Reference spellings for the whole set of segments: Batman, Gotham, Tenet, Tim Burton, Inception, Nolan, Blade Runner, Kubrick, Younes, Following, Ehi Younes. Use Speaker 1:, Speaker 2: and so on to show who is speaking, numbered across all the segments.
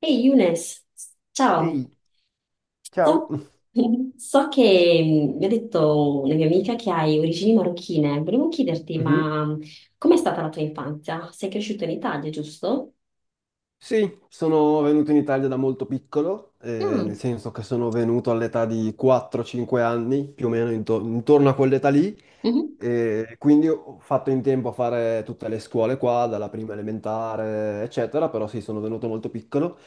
Speaker 1: Ehi Younes, ciao.
Speaker 2: Ehi, ciao.
Speaker 1: So, so che mi ha detto una mia amica che hai origini marocchine. Volevo chiederti,
Speaker 2: Mhm.
Speaker 1: ma com'è stata la tua infanzia? Sei cresciuto in Italia, giusto?
Speaker 2: Sì, sono venuto in Italia da molto piccolo, nel
Speaker 1: Mm,
Speaker 2: senso che sono venuto all'età di 4-5 anni, più o meno intorno a quell'età lì.
Speaker 1: mhm,
Speaker 2: E quindi ho fatto in tempo a fare tutte le scuole qua, dalla prima elementare, eccetera, però sì, sono venuto molto piccolo.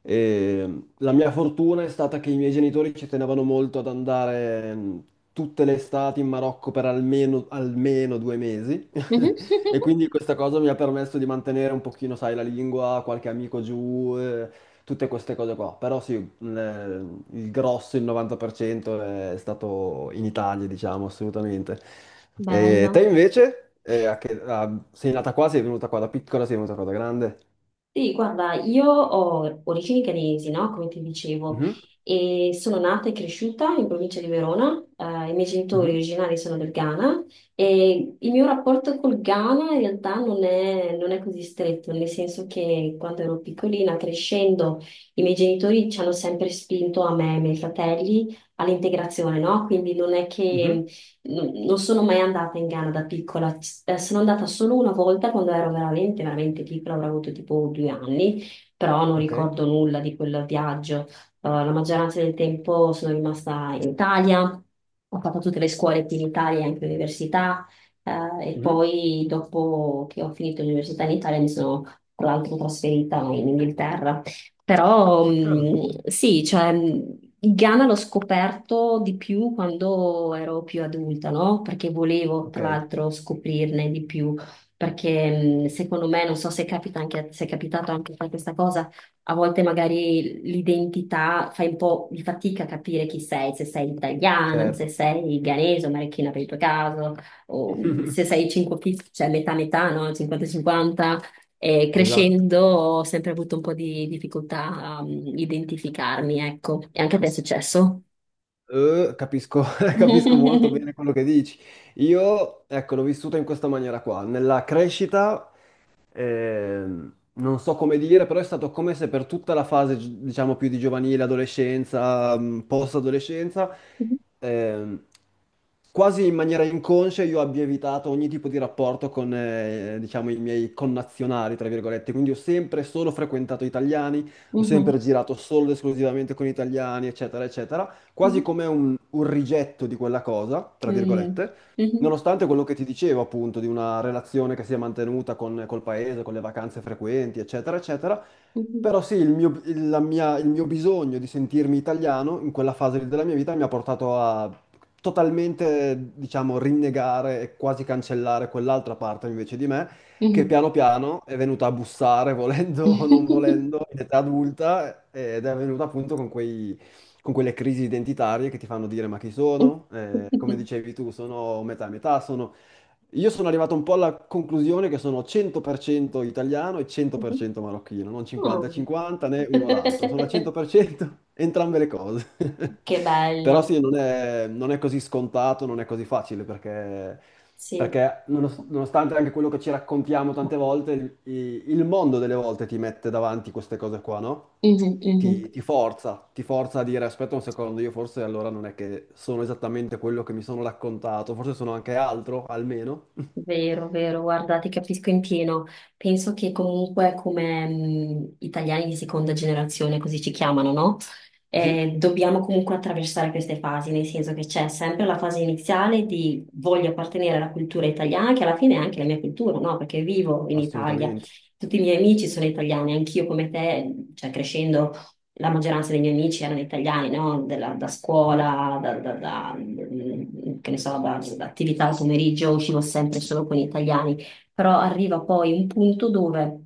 Speaker 2: E la mia fortuna è stata che i miei genitori ci tenevano molto ad andare tutte le estati in Marocco per almeno 2 mesi.
Speaker 1: mhm.
Speaker 2: E quindi questa cosa mi ha permesso di mantenere un pochino, sai, la lingua, qualche amico giù, tutte queste cose qua. Però sì, il grosso, il 90% è stato in Italia, diciamo, assolutamente. E te
Speaker 1: Bello.
Speaker 2: invece, sei nata qua, sei venuta qua da piccola, sei venuta qua da grande?
Speaker 1: Sì, guarda, io ho origini canesi, no? Come ti dicevo,
Speaker 2: Mhm.
Speaker 1: e sono nata e cresciuta in provincia di Verona. I miei genitori
Speaker 2: Mhm.
Speaker 1: originari sono del Ghana e il mio rapporto col Ghana in realtà non è così stretto, nel senso che quando ero piccolina, crescendo, i miei genitori ci hanno sempre spinto a me e ai miei fratelli all'integrazione, no? Quindi non è
Speaker 2: Mhm.
Speaker 1: che non sono mai andata in Ghana da piccola, sono andata solo una volta quando ero veramente piccola, avrò avuto tipo 2 anni, però non
Speaker 2: Ok.
Speaker 1: ricordo nulla di quel viaggio. La maggioranza del tempo sono rimasta in Italia, ho fatto tutte le scuole qui in Italia, anche l'università, e
Speaker 2: Mhm.
Speaker 1: poi dopo che ho finito l'università in Italia mi sono tra l'altro trasferita in Inghilterra. Però
Speaker 2: Ah,
Speaker 1: sì, cioè, il Ghana l'ho scoperto di più quando ero più adulta, no? Perché volevo,
Speaker 2: ok,
Speaker 1: tra l'altro, scoprirne di più, perché secondo me, non so se capita anche, se è capitato anche a te questa cosa, a volte magari l'identità fai un po' di fatica a capire chi sei, se sei italiana, se
Speaker 2: certo.
Speaker 1: sei ghanese o marocchina per il tuo caso, o se sei 5, cioè metà metà, no? 50-50. E
Speaker 2: Esatto.
Speaker 1: crescendo ho sempre avuto un po' di difficoltà a identificarmi, ecco. E anche a te è successo?
Speaker 2: Capisco, capisco molto bene quello che dici. Io, ecco, l'ho vissuta in questa maniera qua. Nella crescita non so come dire, però è stato come se per tutta la fase, diciamo, più di giovanile, adolescenza, post-adolescenza, ehm, quasi in maniera inconscia io abbia evitato ogni tipo di rapporto con, diciamo, i miei connazionali, tra virgolette. Quindi ho sempre solo frequentato italiani, ho sempre
Speaker 1: Mhm,
Speaker 2: girato solo ed esclusivamente con italiani, eccetera, eccetera. Quasi
Speaker 1: mhm,
Speaker 2: come un rigetto di quella cosa, tra virgolette.
Speaker 1: mhm,
Speaker 2: Nonostante quello che ti dicevo, appunto, di una relazione che si è mantenuta col paese, con le vacanze frequenti, eccetera, eccetera,
Speaker 1: mhm,
Speaker 2: però sì, il mio, il- la mia- il mio bisogno di sentirmi italiano in quella fase della mia vita mi ha portato a totalmente, diciamo, rinnegare e quasi cancellare quell'altra parte invece di me,
Speaker 1: mhm,
Speaker 2: che
Speaker 1: mhm,
Speaker 2: piano piano è venuta a bussare, volendo o non volendo, in età adulta, ed è venuta appunto con quei con quelle crisi identitarie che ti fanno dire ma chi sono? Come dicevi tu, sono metà e metà, sono... Io sono arrivato un po' alla conclusione che sono 100% italiano e
Speaker 1: mhm.
Speaker 2: 100% marocchino, non
Speaker 1: Oh.
Speaker 2: 50-50 né uno l'altro, sono al 100% entrambe le cose.
Speaker 1: Che
Speaker 2: Però sì,
Speaker 1: bello,
Speaker 2: non è così scontato, non è così facile perché,
Speaker 1: sì.
Speaker 2: perché nonostante anche quello che ci raccontiamo tante volte, il mondo delle volte ti mette davanti queste cose qua, no?
Speaker 1: Mhm, mhm.
Speaker 2: Ti forza a dire aspetta un secondo, io forse allora non è che sono esattamente quello che mi sono raccontato, forse sono anche altro, almeno.
Speaker 1: Vero, vero, guarda, ti capisco in pieno. Penso che comunque come italiani di seconda generazione, così ci chiamano, no?
Speaker 2: Mhm.
Speaker 1: Dobbiamo comunque attraversare queste fasi, nel senso che c'è sempre la fase iniziale di voglio appartenere alla cultura italiana, che alla fine è anche la mia cultura, no? Perché vivo in Italia,
Speaker 2: Assolutamente.
Speaker 1: tutti i miei amici sono italiani, anch'io come te, cioè crescendo la maggioranza dei miei amici erano italiani, no? Da
Speaker 2: Mhm.
Speaker 1: scuola, che ne so, da attività al pomeriggio, uscivo sempre solo con gli italiani, però arriva poi un punto dove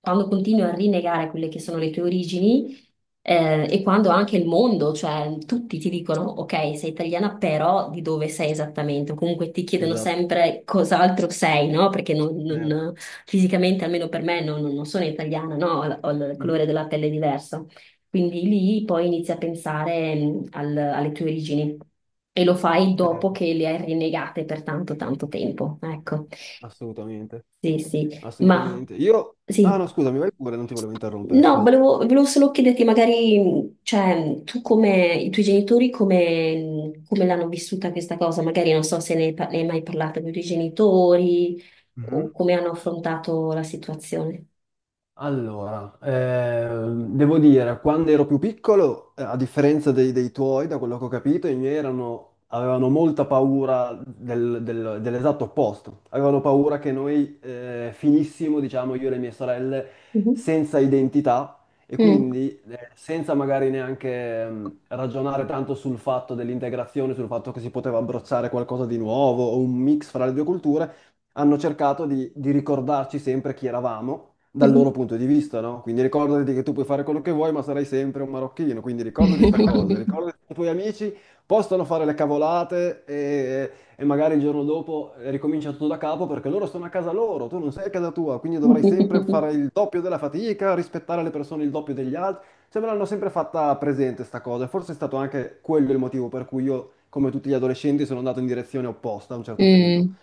Speaker 1: quando continui a rinnegare quelle che sono le tue origini, e quando anche il mondo, cioè tutti ti dicono, ok, sei italiana, però di dove sei esattamente? O comunque ti chiedono
Speaker 2: Esatto.
Speaker 1: sempre cos'altro sei, no? Perché non,
Speaker 2: Certo.
Speaker 1: non- Fisicamente, almeno per me, non sono italiana, no? Ho il colore
Speaker 2: Mhm.
Speaker 1: della pelle diverso. Quindi lì poi inizi a pensare alle tue origini e lo fai dopo
Speaker 2: Certo.
Speaker 1: che le hai rinnegate per tanto, tanto tempo. Ecco,
Speaker 2: Assolutamente.
Speaker 1: sì, sì, ma
Speaker 2: Assolutamente. Io... Ah
Speaker 1: sì.
Speaker 2: no, scusami, vai pure, non ti volevo interrompere,
Speaker 1: No,
Speaker 2: scusa.
Speaker 1: volevo solo chiederti magari, tu come, i tuoi genitori come, mm, come l'hanno vissuta questa cosa? Magari non so se ne hai mai parlato con i tuoi genitori
Speaker 2: Mhm.
Speaker 1: o come hanno affrontato la situazione.
Speaker 2: Allora, devo dire, quando ero più piccolo, a differenza dei tuoi, da quello che ho capito, avevano molta paura dell'esatto opposto. Avevano paura che noi finissimo, diciamo, io e le mie sorelle,
Speaker 1: Mhm.
Speaker 2: senza identità e
Speaker 1: Mm.
Speaker 2: quindi senza magari neanche ragionare tanto sul fatto dell'integrazione, sul fatto che si poteva abbracciare qualcosa di nuovo o un mix fra le due culture, hanno cercato di ricordarci sempre chi eravamo dal loro
Speaker 1: Mhm.
Speaker 2: punto di vista, no? Quindi ricordati che tu puoi fare quello che vuoi, ma sarai sempre un marocchino, quindi ricordati sta cosa, ricordati che i tuoi amici possono fare le cavolate e magari il giorno dopo ricomincia tutto da capo perché loro sono a casa loro, tu non sei a casa tua, quindi dovrai sempre fare il doppio della fatica, rispettare le persone il doppio degli altri. Cioè, me l'hanno sempre fatta presente sta cosa, e forse è stato anche quello il motivo per cui io, come tutti gli adolescenti, sono andato in direzione opposta a un certo punto.
Speaker 1: Mm,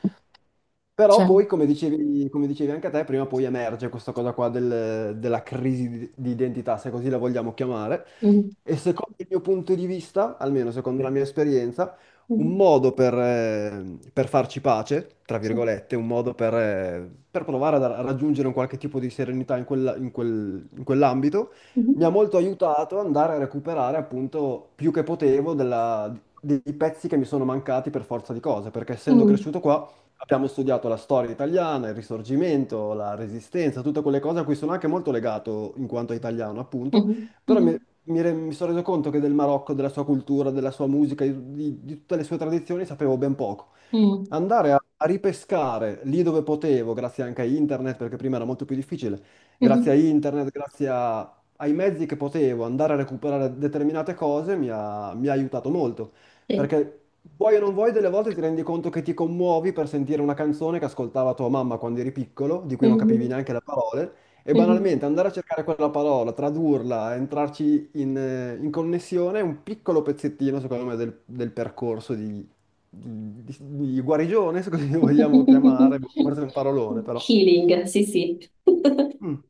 Speaker 2: Però
Speaker 1: cioè,
Speaker 2: poi, come dicevi anche a te, prima o poi emerge questa cosa qua della crisi di identità, se così la vogliamo chiamare.
Speaker 1: mm,
Speaker 2: E secondo il mio punto di vista, almeno secondo la mia esperienza, un
Speaker 1: mm,
Speaker 2: modo per farci pace, tra
Speaker 1: sì,
Speaker 2: virgolette, un modo per provare a raggiungere un qualche tipo di serenità in quell'ambito, mi ha
Speaker 1: mhm,
Speaker 2: molto aiutato ad andare a recuperare appunto più che potevo dei pezzi che mi sono mancati per forza di cose, perché essendo
Speaker 1: mm,
Speaker 2: cresciuto qua... Abbiamo studiato la storia italiana, il Risorgimento, la Resistenza, tutte quelle cose a cui sono anche molto legato in quanto italiano, appunto, però
Speaker 1: mhm,
Speaker 2: mi sono reso conto che del Marocco, della sua cultura, della sua musica, di tutte le sue tradizioni sapevo ben poco
Speaker 1: mm,
Speaker 2: andare a ripescare lì dove potevo, grazie anche a internet, perché prima era molto più difficile, grazie
Speaker 1: mhm,
Speaker 2: a internet, grazie ai mezzi che potevo andare a recuperare determinate cose, mi ha aiutato molto.
Speaker 1: sì,
Speaker 2: Perché vuoi o non vuoi, delle volte ti rendi conto che ti commuovi per sentire una canzone che ascoltava tua mamma quando eri piccolo, di cui non capivi
Speaker 1: mhm,
Speaker 2: neanche le parole. E
Speaker 1: mhm.
Speaker 2: banalmente andare a cercare quella parola, tradurla, entrarci in connessione è un piccolo pezzettino, secondo me, del percorso di, di- di- guarigione, se così lo vogliamo chiamare, boh, forse è un parolone, però.
Speaker 1: Healing, sì, sì.
Speaker 2: Mm.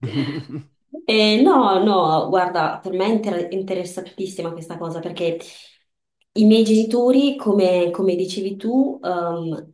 Speaker 1: No, no, guarda, per me è interessantissima questa cosa perché i miei genitori, come, come dicevi tu, ehm,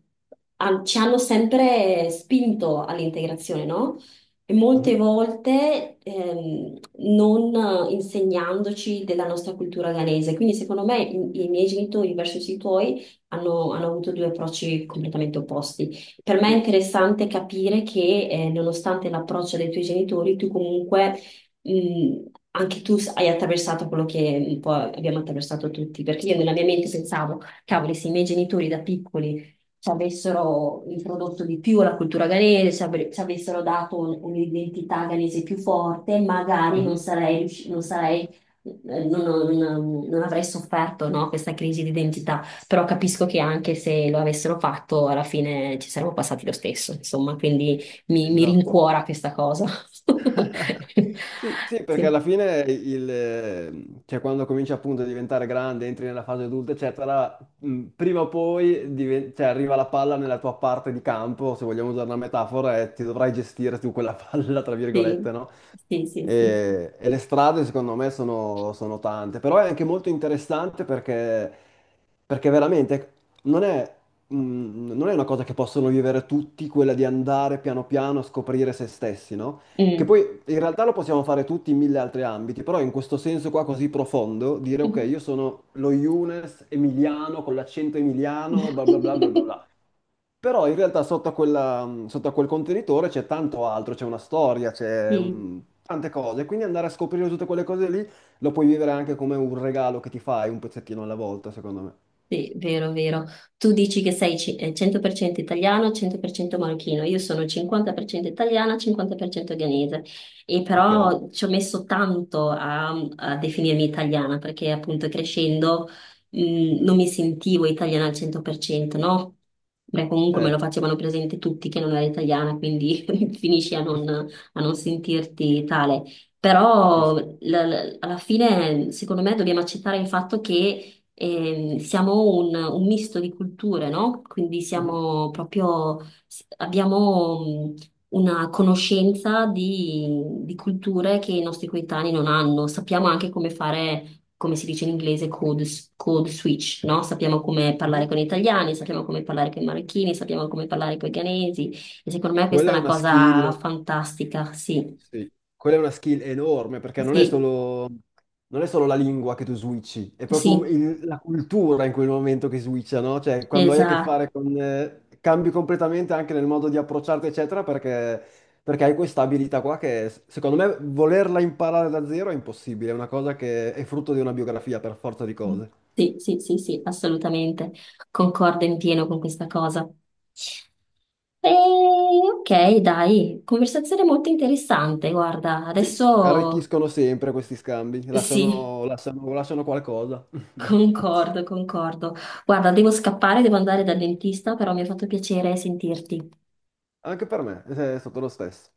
Speaker 1: han- ci hanno sempre spinto all'integrazione, no? E molte
Speaker 2: Mhm.
Speaker 1: volte non insegnandoci della nostra cultura ghanese. Quindi, secondo me, i miei genitori verso i tuoi hanno avuto due approcci completamente opposti. Per me è
Speaker 2: Sì,
Speaker 1: interessante capire che, nonostante l'approccio dei tuoi genitori, tu comunque, mh, anche tu hai attraversato quello che un po' abbiamo attraversato tutti, perché io nella mia mente pensavo, cavoli, se i miei genitori da piccoli ci avessero introdotto di più la cultura ghanese, ci avessero dato un'identità ghanese più forte, magari
Speaker 2: mhm,
Speaker 1: non sarei, non avrei sofferto, no, questa crisi di identità. Però capisco che anche se lo avessero fatto, alla fine ci saremmo passati lo stesso, insomma, quindi mi
Speaker 2: esatto.
Speaker 1: rincuora questa cosa.
Speaker 2: Sì, sì, perché
Speaker 1: Sì,
Speaker 2: alla fine cioè quando cominci appunto a diventare grande, entri nella fase adulta, eccetera, prima o poi cioè, arriva la palla nella tua parte di campo, se vogliamo usare una metafora, e ti dovrai gestire tu quella palla, tra virgolette,
Speaker 1: sì,
Speaker 2: no?
Speaker 1: sì, sì, sì.
Speaker 2: E le strade secondo me sono tante, però è anche molto interessante perché veramente non è, non è una cosa che possono vivere tutti, quella di andare piano piano a scoprire se stessi, no? Che
Speaker 1: Mm.
Speaker 2: poi in realtà lo possiamo fare tutti in mille altri ambiti, però in questo senso qua così profondo, dire ok, io sono lo Younes emiliano con l'accento emiliano, bla bla bla bla bla bla. Però in realtà sotto a quel contenitore c'è tanto altro, c'è una storia, c'è
Speaker 1: Sì.
Speaker 2: tante cose, quindi andare a scoprire tutte quelle cose lì lo puoi vivere anche come un regalo che ti fai un pezzettino alla volta, secondo me.
Speaker 1: Sì, vero, vero. Tu dici che sei 100% italiano, 100% marocchino. Io sono 50% italiana, 50% ghanese. E
Speaker 2: Ok.
Speaker 1: però ci ho messo tanto a definirmi italiana perché appunto crescendo
Speaker 2: Mhm.
Speaker 1: non mi sentivo italiana al 100%, no? Beh, comunque me lo
Speaker 2: Certo.
Speaker 1: facevano presente tutti che non ero italiana, quindi finisci a non sentirti tale. Però
Speaker 2: Capisco.
Speaker 1: alla fine, secondo me, dobbiamo accettare il fatto che siamo un misto di culture, no? Quindi
Speaker 2: Mhm.
Speaker 1: siamo proprio, abbiamo mh, una conoscenza di culture che i nostri coetanei non hanno. Sappiamo anche come fare, come si dice in inglese, code switch, no? Sappiamo come parlare
Speaker 2: Mhm.
Speaker 1: con gli italiani, sappiamo come parlare con i marocchini, sappiamo come parlare con i ghanesi. E secondo me questa
Speaker 2: Quella
Speaker 1: è
Speaker 2: è
Speaker 1: una
Speaker 2: una
Speaker 1: cosa
Speaker 2: skill,
Speaker 1: fantastica, sì,
Speaker 2: sì, quella è una skill enorme perché non è
Speaker 1: sì,
Speaker 2: solo, non è solo la lingua che tu switchi, è proprio
Speaker 1: sì,
Speaker 2: la cultura in quel momento che switcha, no? Cioè, quando hai a che
Speaker 1: esatto.
Speaker 2: fare con... cambi completamente anche nel modo di approcciarti, eccetera, perché, perché hai questa abilità qua che, secondo me, volerla imparare da zero è impossibile, è una cosa che è frutto di una biografia per forza di cose.
Speaker 1: Sì, sì, sì, sì, assolutamente. Concordo in pieno con questa cosa. E, ok, dai, conversazione molto interessante. Guarda,
Speaker 2: Sì,
Speaker 1: adesso
Speaker 2: arricchiscono sempre questi scambi,
Speaker 1: sì,
Speaker 2: lasciano, lasciano- lasciano qualcosa.
Speaker 1: concordo, concordo. Guarda, devo scappare, devo andare dal dentista, però mi ha fatto piacere sentirti.
Speaker 2: Anche per me è stato lo stesso.